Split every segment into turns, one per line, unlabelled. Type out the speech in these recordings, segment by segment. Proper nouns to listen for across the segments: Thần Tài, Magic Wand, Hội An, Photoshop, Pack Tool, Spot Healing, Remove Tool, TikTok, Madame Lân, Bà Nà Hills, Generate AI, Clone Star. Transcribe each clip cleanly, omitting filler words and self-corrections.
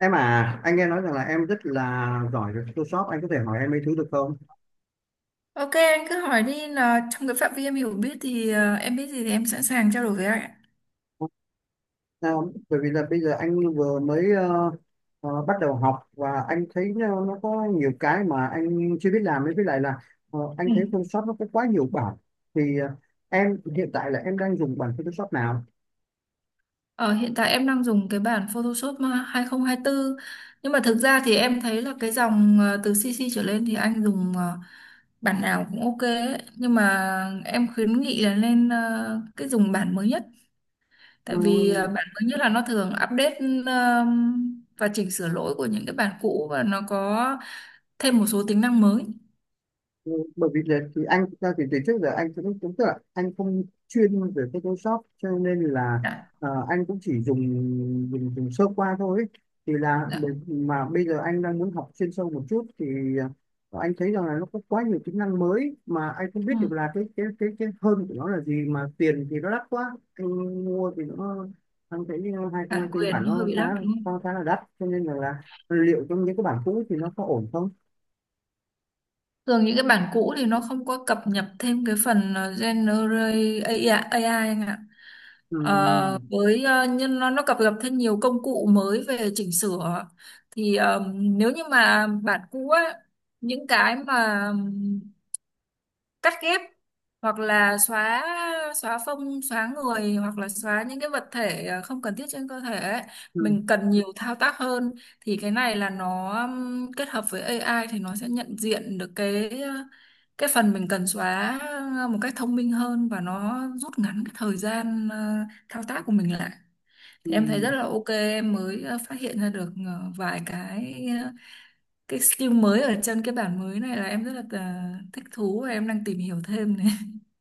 Em à, anh nghe nói rằng là em rất là giỏi về Photoshop, anh có thể hỏi em mấy thứ được không?
Ok anh cứ hỏi đi là trong cái phạm vi em hiểu biết thì em biết gì thì em sẵn sàng trao đổi với anh ạ.
À, bởi vì là bây giờ anh vừa mới bắt đầu học và anh thấy nó có nhiều cái mà anh chưa biết làm ấy, với lại là anh
Ừ.
thấy Photoshop nó có quá nhiều bản. Thì ờ, em hiện tại là em đang dùng bản Photoshop nào?
Ờ, Hiện tại em đang dùng cái bản Photoshop 2024 nhưng mà thực ra thì em thấy là cái dòng từ CC trở lên thì anh dùng bản nào cũng ok ấy. Nhưng mà em khuyến nghị là nên cái dùng bản mới nhất tại vì
Ừ,
bản mới nhất là nó thường update ờ, và chỉnh sửa lỗi của những cái bản cũ và nó có thêm một số tính năng mới.
ừ, bởi vì là thì anh thực ra thì từ trước giờ anh cũng cũng tức là anh không chuyên về Photoshop cho nên là
Dạ,
anh cũng chỉ dùng dùng dùng sơ qua thôi ấy. Thì là
dạ.
mà bây giờ anh đang muốn học chuyên sâu một chút thì anh thấy rằng là nó có quá nhiều kỹ năng mới mà anh không biết
Ừ.
được là cái hơn của nó là gì mà tiền thì nó đắt quá anh mua thì nó anh thấy
Bản
2024 bản
quyền nó hơi
nó
bị
khá
lắc đúng
khá
không?
khá là đắt cho nên là liệu trong những cái bản cũ thì nó có ổn không?
Thường những cái bản cũ thì nó không có cập nhật thêm cái phần Generate AI, AI anh ạ.
Ừ.
Với nhưng nó cập nhật thêm nhiều công cụ mới về chỉnh sửa thì nếu như mà bản cũ á, những cái mà cắt ghép hoặc là xóa xóa phông xóa người hoặc là xóa những cái vật thể không cần thiết trên cơ thể ấy.
Ừ.
Mình cần nhiều thao tác hơn thì cái này là nó kết hợp với AI thì nó sẽ nhận diện được cái phần mình cần xóa một cách thông minh hơn và nó rút ngắn cái thời gian thao tác của mình lại.
Ừ.
Thì em thấy rất là ok, em mới phát hiện ra được vài cái skill mới ở trên cái bản mới này là em rất là thích thú và em đang tìm hiểu thêm này.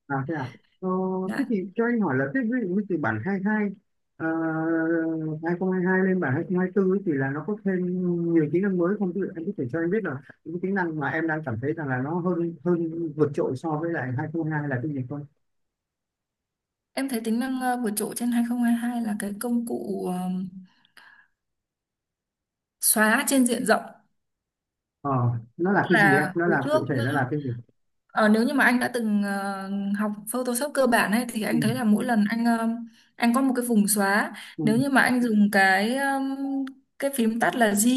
À thế à? Ờ, thế
Dạ.
thì cho anh hỏi là thế ví dụ như từ bản 22 ờ, 2022 lên bản 2024 ấy thì là nó có thêm nhiều tính năng mới không? Ví dụ anh có thể cho anh biết là những tính năng mà em đang cảm thấy rằng là nó hơn hơn vượt trội so với lại 2022 là cái gì không?
Em thấy tính năng vượt trội trên 2022 là cái công cụ xóa trên diện rộng.
Ờ, nó là
Tức
cái gì em?
là
Nó
hồi
là
trước
cụ thể nó là cái gì?
ờ, nếu như mà anh đã từng học Photoshop cơ bản ấy thì
Ừ,
anh thấy là mỗi lần anh có một cái vùng xóa.
ừ,
Nếu như mà anh dùng cái phím tắt là G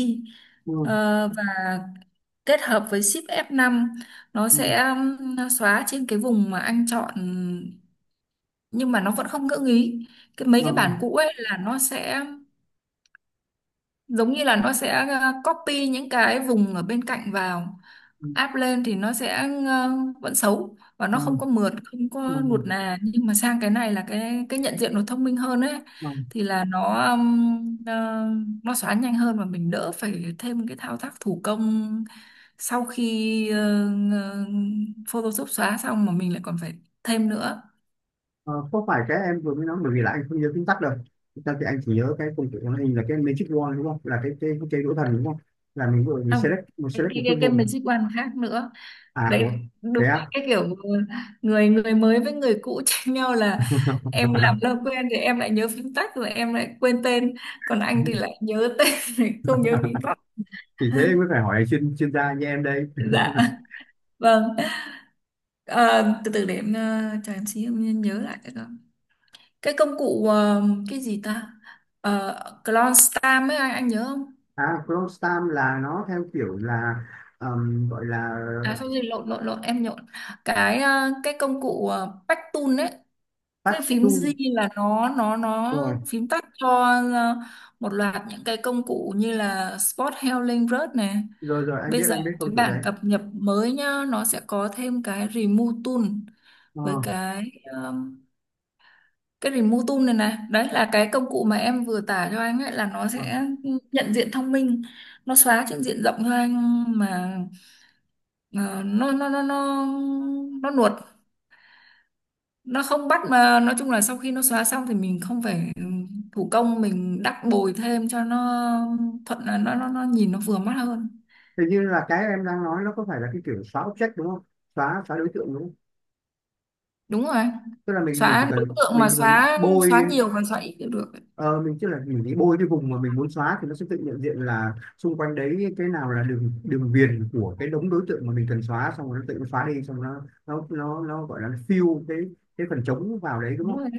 ừ,
và kết hợp với Shift+F5, nó
ừ,
sẽ xóa trên cái vùng mà anh chọn nhưng mà nó vẫn không ngỡ ý. Cái mấy
ờ,
cái bản cũ ấy là nó sẽ giống như là nó sẽ copy những cái vùng ở bên cạnh vào
ừ,
áp lên thì nó sẽ vẫn xấu và nó
ờ,
không có mượt không
ờ,
có nuột nà. Nhưng mà sang cái này là cái nhận diện nó thông minh hơn ấy.
ờ.
Thì là nó xóa nhanh hơn và mình đỡ phải thêm cái thao tác thủ công sau khi ờ, Photoshop xóa xong mà mình lại còn phải thêm nữa.
Ờ, không phải cái em vừa mới nói bởi vì là anh không nhớ chính tắc đâu. Thực ra thì anh chỉ nhớ cái công cụ màn hình là cái Magic Wand đúng không, là cái đũa thần đúng không, là mình vừa mình
Không, cái
select một
cái
cái
cái, cái
vùng.
Magic One khác nữa
À
đấy,
ủa, thế
đúng.
á?
Cái kiểu người người mới với người cũ tranh nhau là em làm lâu quen thì em lại nhớ phím tắt rồi em lại quên tên, còn anh thì lại nhớ tên rồi không nhớ phím tắt.
Thì thế mới phải hỏi chuyên chuyên gia như em đây.
Dạ vâng. Ờ, Từ từ để em cho em xí em nhớ lại cái đó, cái công cụ cái gì ta, Clone Star ấy anh nhớ không?
À Chrome Stamp là nó theo kiểu là gọi là
À sao gì lộn lộn lộn em nhộn, cái công cụ Pack Tool ấy. Cái
patch
phím Z
tool.
là nó
Rồi
phím tắt cho ờ, một loạt những cái công cụ như là Spot Healing Rớt này.
rồi rồi anh biết,
Bây giờ
anh biết công
cái
cụ đấy.
bản cập nhật mới nhá, nó sẽ có thêm cái Remove Tool
Ờ,
với um, cái Remove Tool này này đấy là cái công cụ mà em vừa tả cho anh ấy, là nó
ờ.
sẽ nhận diện thông minh, nó xóa trên diện rộng cho anh mà ờ, nó nó nó nó nó nuột, nó không bắt. Mà nói chung là sau khi nó xóa xong thì mình không phải ừ, thủ công mình đắp bồi thêm cho nó thuận, là nó nhìn nó vừa mắt hơn.
Hình như là cái em đang nói nó có phải là cái kiểu xóa object đúng không, xóa xóa đối tượng đúng?
Đúng rồi,
Tức là mình chỉ
xóa đối
cần
tượng
mình
mà,
chỉ cần
xóa xóa
bôi
nhiều còn xóa ít đều được.
ờ, mình tức là mình đi bôi cái vùng mà mình muốn xóa thì nó sẽ tự nhận diện là xung quanh đấy cái nào là đường đường viền của cái đống đối tượng mà mình cần xóa, xong rồi nó tự nó xóa đi, xong rồi nó gọi là nó fill cái phần trống vào đấy đúng
Đúng
không?
rồi,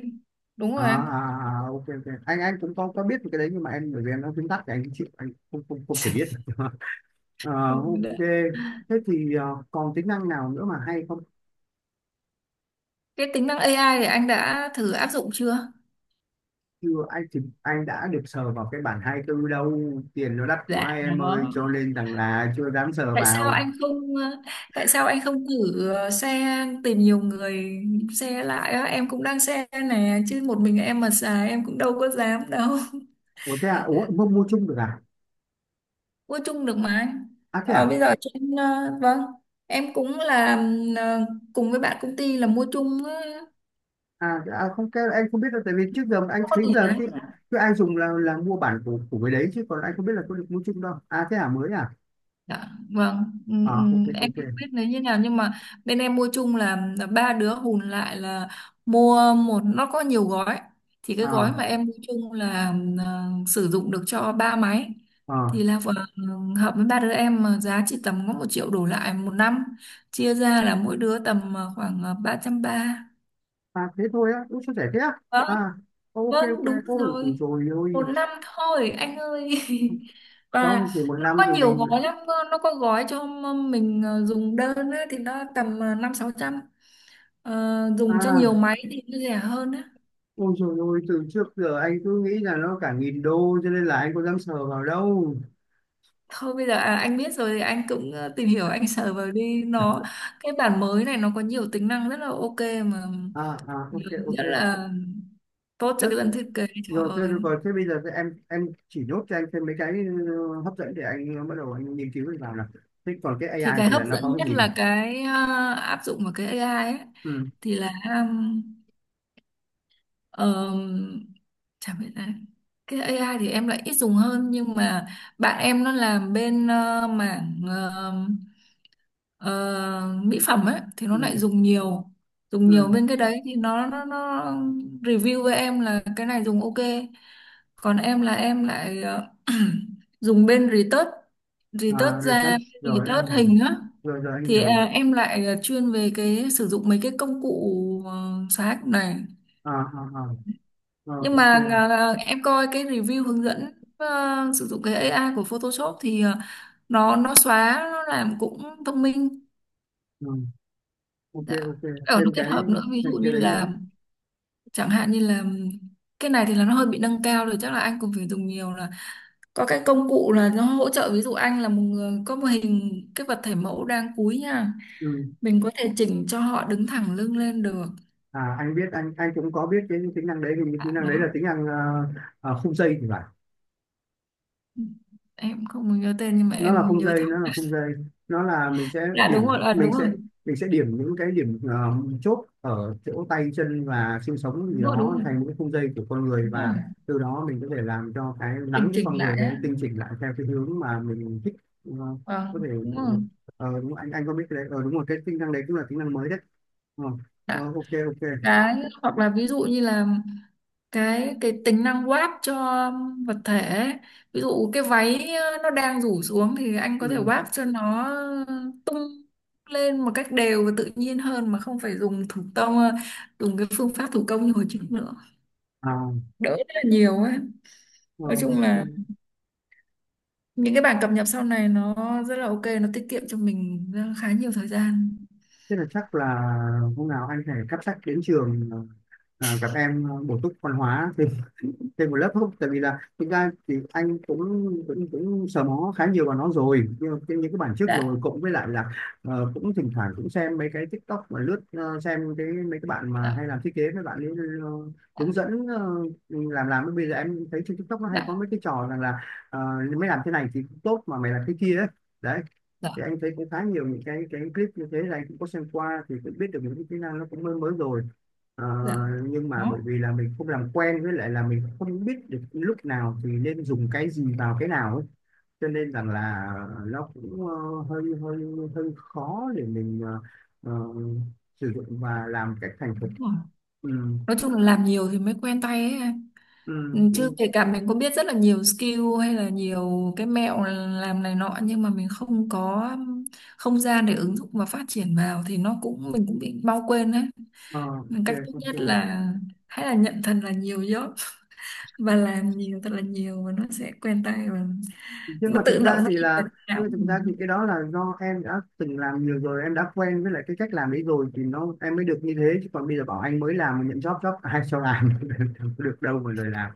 đúng
À,
rồi.
à, à, à, ok ok, anh cũng có biết cái đấy nhưng mà em, bởi vì em nó viết tắt thì anh chịu, anh không không không thể biết. Ờ, ok,
Đấy.
thế thì còn tính năng nào nữa mà hay không?
Cái tính năng AI thì anh đã thử áp dụng chưa?
Chưa, anh thì anh đã được sờ vào cái bản hai tư đâu. Tiền nó đắt
Dạ,
quá em
đó.
ơi cho nên rằng là chưa dám sờ
tại sao
vào.
anh không ờ, tại sao anh không thử share tìm nhiều người share lại á? Em cũng đang share nè, chứ một mình em mà xài em cũng đâu có dám đâu.
Ủa thế à, ủa mua mua chung được à?
Mua chung được mà.
À thế à.
Bây giờ trên vâng, em cũng là ờ, cùng với bạn công ty là mua chung
À, à không, cái anh không biết đâu, tại vì trước giờ anh
không có
thấy
tỷ
là
đấy.
cái anh dùng là mua bản của cái đấy, chứ còn anh không biết là có được mua chung đâu. À thế à, mới à.
Dạ, vâng, ừ,
À
ừ,
ok
em
ok.
không biết là như nào nhưng mà bên em mua chung là ba đứa hùn lại là mua một, nó có nhiều gói. Thì cái gói mà
À
em mua chung là sử dụng được cho ba máy,
à,
thì là vừa hợp với ba đứa em mà giá chỉ tầm có 1 triệu đổ lại 1 năm, chia ra là mỗi đứa tầm khoảng ba trăm ba.
à thế thôi á, cũng chia sẻ thế á? À
Vâng.
ok
Vâng,
ok,
đúng
ôi
rồi.
rồi
Một
ôi,
năm thôi, anh ơi. Và
xong chỉ một
nó
năm
có
thì
nhiều
mình
gói lắm, cơ. Nó có gói cho mình dùng đơn á, thì nó tầm năm sáu trăm. Dùng cho nhiều
à.
máy thì nó rẻ hơn á.
Ôi dồi ôi, từ trước giờ anh cứ nghĩ là nó cả nghìn đô cho nên là anh có dám sờ vào đâu.
Thôi bây giờ à, anh biết rồi thì anh cũng tìm hiểu, anh sờ vào đi. Nó cái bản mới này nó có nhiều tính năng rất là ok mà,
À, à, ok, ok.
rất là tốt
Thế,
cho cái dân thiết kế, trời
thế
ơi.
rồi, còn thế bây giờ thì em chỉ nốt cho anh thêm mấy cái hấp dẫn để anh bắt đầu anh nghiên cứu vào nào. Thế còn cái
Thì
AI
cái
thì
hấp
là nó
dẫn
có cái
nhất
gì nào?
là áp dụng vào cái AI ấy
Ừ,
thì là, Ờ, chả biết là cái AI thì em lại ít dùng hơn, nhưng mà bạn em nó làm bên mảng ờ, mỹ phẩm ấy thì nó
ừ,
lại dùng nhiều, dùng nhiều
ừ.
bên cái đấy thì nó review với em là cái này dùng ok. Còn em là em lại dùng bên retouch,
À,
retouch da,
retouch, rồi anh
retouch
hiểu.
hình á
Rồi, rồi anh
thì
hiểu.
à, em lại chuyên về cái sử dụng mấy cái công cụ xóa hình này.
À, à, à. Rồi,
Nhưng mà
ok.
à, em coi cái review hướng dẫn sử dụng cái AI của Photoshop thì nó xóa nó làm cũng thông minh.
Ừ, ok,
Dạ.
ok.
Ở
Thêm
nó kết
cái,
hợp nữa, ví dụ
thêm cái
như
đấy nữa.
là chẳng hạn như là cái này thì là nó hơi bị nâng cao rồi, chắc là anh cũng phải dùng nhiều là có cái công cụ là nó hỗ trợ. Ví dụ anh là một người có một hình cái vật thể mẫu đang cúi nha,
Ừ.
mình có thể chỉnh cho họ đứng thẳng lưng lên được.
À, anh biết, anh cũng có biết cái tính năng đấy, vì tính
À,
năng đấy là
đó
tính năng khung dây thì phải.
em không nhớ tên nhưng mà em nhớ thẳng.
Nó là khung dây, nó là mình sẽ
Dạ đúng rồi. À, đúng rồi,
mình sẽ điểm những cái điểm chốt ở chỗ tay chân và xương sống gì
đúng rồi, đúng
đó
rồi.
thành những khung dây của con người, và
Ừ.
từ đó mình có thể làm cho cái nắn
Bình
cái con
chỉnh
người
lại
để
á.
tinh chỉnh lại theo cái hướng mà mình thích. Ờ,
Vâng.
có
Ừ.
thể
Đúng rồi.
đúng, anh có biết cái đấy, ờ, đúng rồi, cái tính năng đấy cũng là tính năng mới đấy. Ờ,
Dạ.
ok ok.
Cái hoặc là ví dụ như là cái tính năng quát cho vật thể ấy. Ví dụ cái váy nó đang rủ xuống thì anh có thể
ừ.
quát cho nó tung lên một cách đều và tự nhiên hơn, mà không phải dùng thủ công, dùng cái phương pháp thủ công như hồi trước nữa,
à,
đỡ rất là nhiều ấy.
ờ,
Nói chung
ok.
là những cái bản cập nhật sau này nó rất là ok, nó tiết kiệm cho mình khá nhiều thời gian.
Thế là chắc là hôm nào anh phải cắp sách đến trường, à, gặp em bổ túc văn hóa thêm, thêm một lớp không? Tại vì là thực ra thì anh cũng cũng sờ mó khá nhiều vào nó rồi, nhưng mà những cái bản trước, rồi
Dạ,
cộng với lại là cũng thỉnh thoảng cũng xem mấy cái TikTok mà lướt, xem cái mấy cái bạn mà
dạ,
hay làm thiết kế mấy bạn ấy ờ,
dạ,
hướng dẫn, làm bây giờ em thấy trên TikTok nó hay có
dạ,
mấy cái trò rằng là ờ, mày làm thế này thì cũng tốt mà mày làm thế kia ấy. Đấy,
dạ,
thì anh thấy cũng khá nhiều những cái clip như thế, là anh cũng có xem qua thì cũng biết được những cái kỹ năng nó cũng mới mới rồi. Ờ,
dạ.
nhưng mà bởi
Đó.
vì là mình không làm quen, với lại là mình không biết được lúc nào thì nên dùng cái gì vào cái nào ấy, cho nên rằng là nó cũng ờ, hơi hơi hơi khó để mình ờ, sử dụng và làm cách thành thục.
Đúng rồi.
ừ,
Nói chung là làm nhiều thì mới quen tay ấy, em. Ừ,
ừ,
chứ
ừ.
kể cả mình có biết rất là nhiều skill hay là nhiều cái mẹo làm này nọ nhưng mà mình không có không gian để ứng dụng và phát triển vào thì nó cũng, mình cũng bị mau quên đấy.
Ờ,
Nên cách tốt
ok ok.
nhất là hay là nhận thật là nhiều job và làm nhiều thật là nhiều, và nó sẽ quen tay và
Nhưng
nó
mà
tự động nó in vào não.
thực ra thì cái đó là do em đã từng làm nhiều rồi, em đã quen với lại cái cách làm ấy rồi thì nó em mới được như thế, chứ còn bây giờ bảo anh mới làm mà nhận job job ai cho làm. Không có được đâu mà lời làm.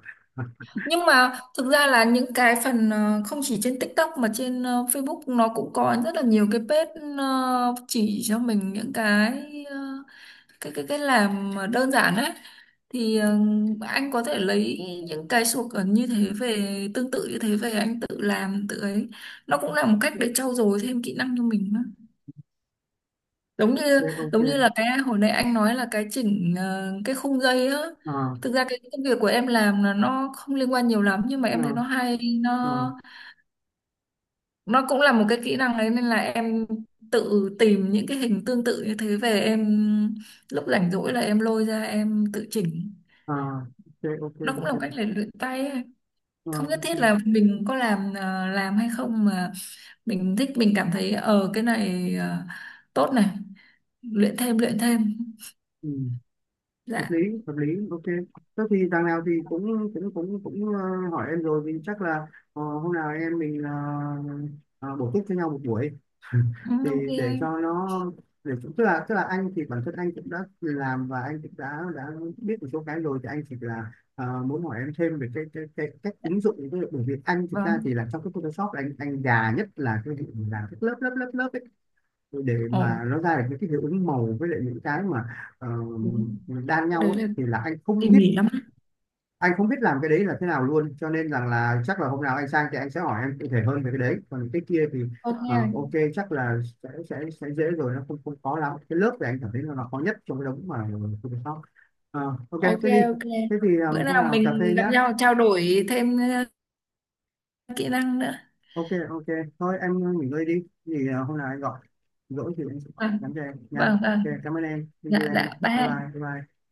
Nhưng mà thực ra là những cái phần không chỉ trên TikTok mà trên Facebook nó cũng có rất là nhiều cái page chỉ cho mình những cái ờ, cái làm mà đơn giản ấy, thì anh có thể lấy những cái suộc ở như thế về, tương tự như thế về anh tự làm tự ấy, nó cũng là một cách để trau dồi thêm kỹ năng cho mình. Giống như,
Ok ok.
giống như là cái hồi nãy anh nói là cái chỉnh cái khung dây á,
ờ
thực ra cái công việc của em làm là nó không liên quan nhiều lắm nhưng mà
ờ
em thấy nó hay,
ờ
nó cũng là một cái kỹ năng đấy, nên là em tự tìm những cái hình tương tự như thế về, em lúc rảnh rỗi là em lôi ra em tự chỉnh,
ờ ok ok
nó cũng là
ok.
một cách để luyện tay ấy.
Ờ,
Không nhất
ok.
thiết là mình có làm hay không, mà mình thích mình cảm thấy cái này tốt này, luyện thêm, luyện thêm.
Ừ. Hợp lý
Dạ.
hợp lý, ok. Thế thì đằng nào thì cũng cũng cũng cũng hỏi em rồi, vì chắc là hôm nào em mình ờ, bổ túc cho nhau một buổi
Ừ,
thì
ok
để
anh.
cho nó, để tức là anh thì bản thân anh cũng đã làm và anh cũng đã biết một số cái rồi, thì anh chỉ là muốn hỏi em thêm về cái cách ứng dụng những cái, bởi vì anh thực ra
Vâng.
thì là trong cái Photoshop là anh già nhất là cái vụ làm các lớp lớp lớp lớp để
Ổn,
mà nó ra được những cái hiệu ứng màu với lại những cái mà ờ,
đúng.
đan
Cái
nhau
đấy
ấy,
là
thì là
tỉ mỉ lắm.
anh không biết làm cái đấy là thế nào luôn, cho nên rằng là chắc là hôm nào anh sang thì anh sẽ hỏi em cụ thể hơn về cái đấy, còn cái kia thì ok
Ok,
chắc là sẽ dễ rồi, nó không không khó lắm. Cái lớp thì anh cảm thấy là nó khó nhất trong cái đống mà Photoshop. Ờ, ok
ok,
thế đi.
ok.
Thế thì
Bữa
hôm
nào
nào cà phê
mình gặp
nhá.
nhau trao đổi thêm ờ, kỹ năng nữa.
Ok ok. Thôi em nghỉ ngơi đi, thì hôm nào anh gọi, rỗi thì anh sẽ gọi nhắn
Vâng,
cho em nha.
vâng,
Ok
vâng.
cảm ơn em, thank
Dạ,
you em.
dạ,
Bye
bye.
bye bye bye.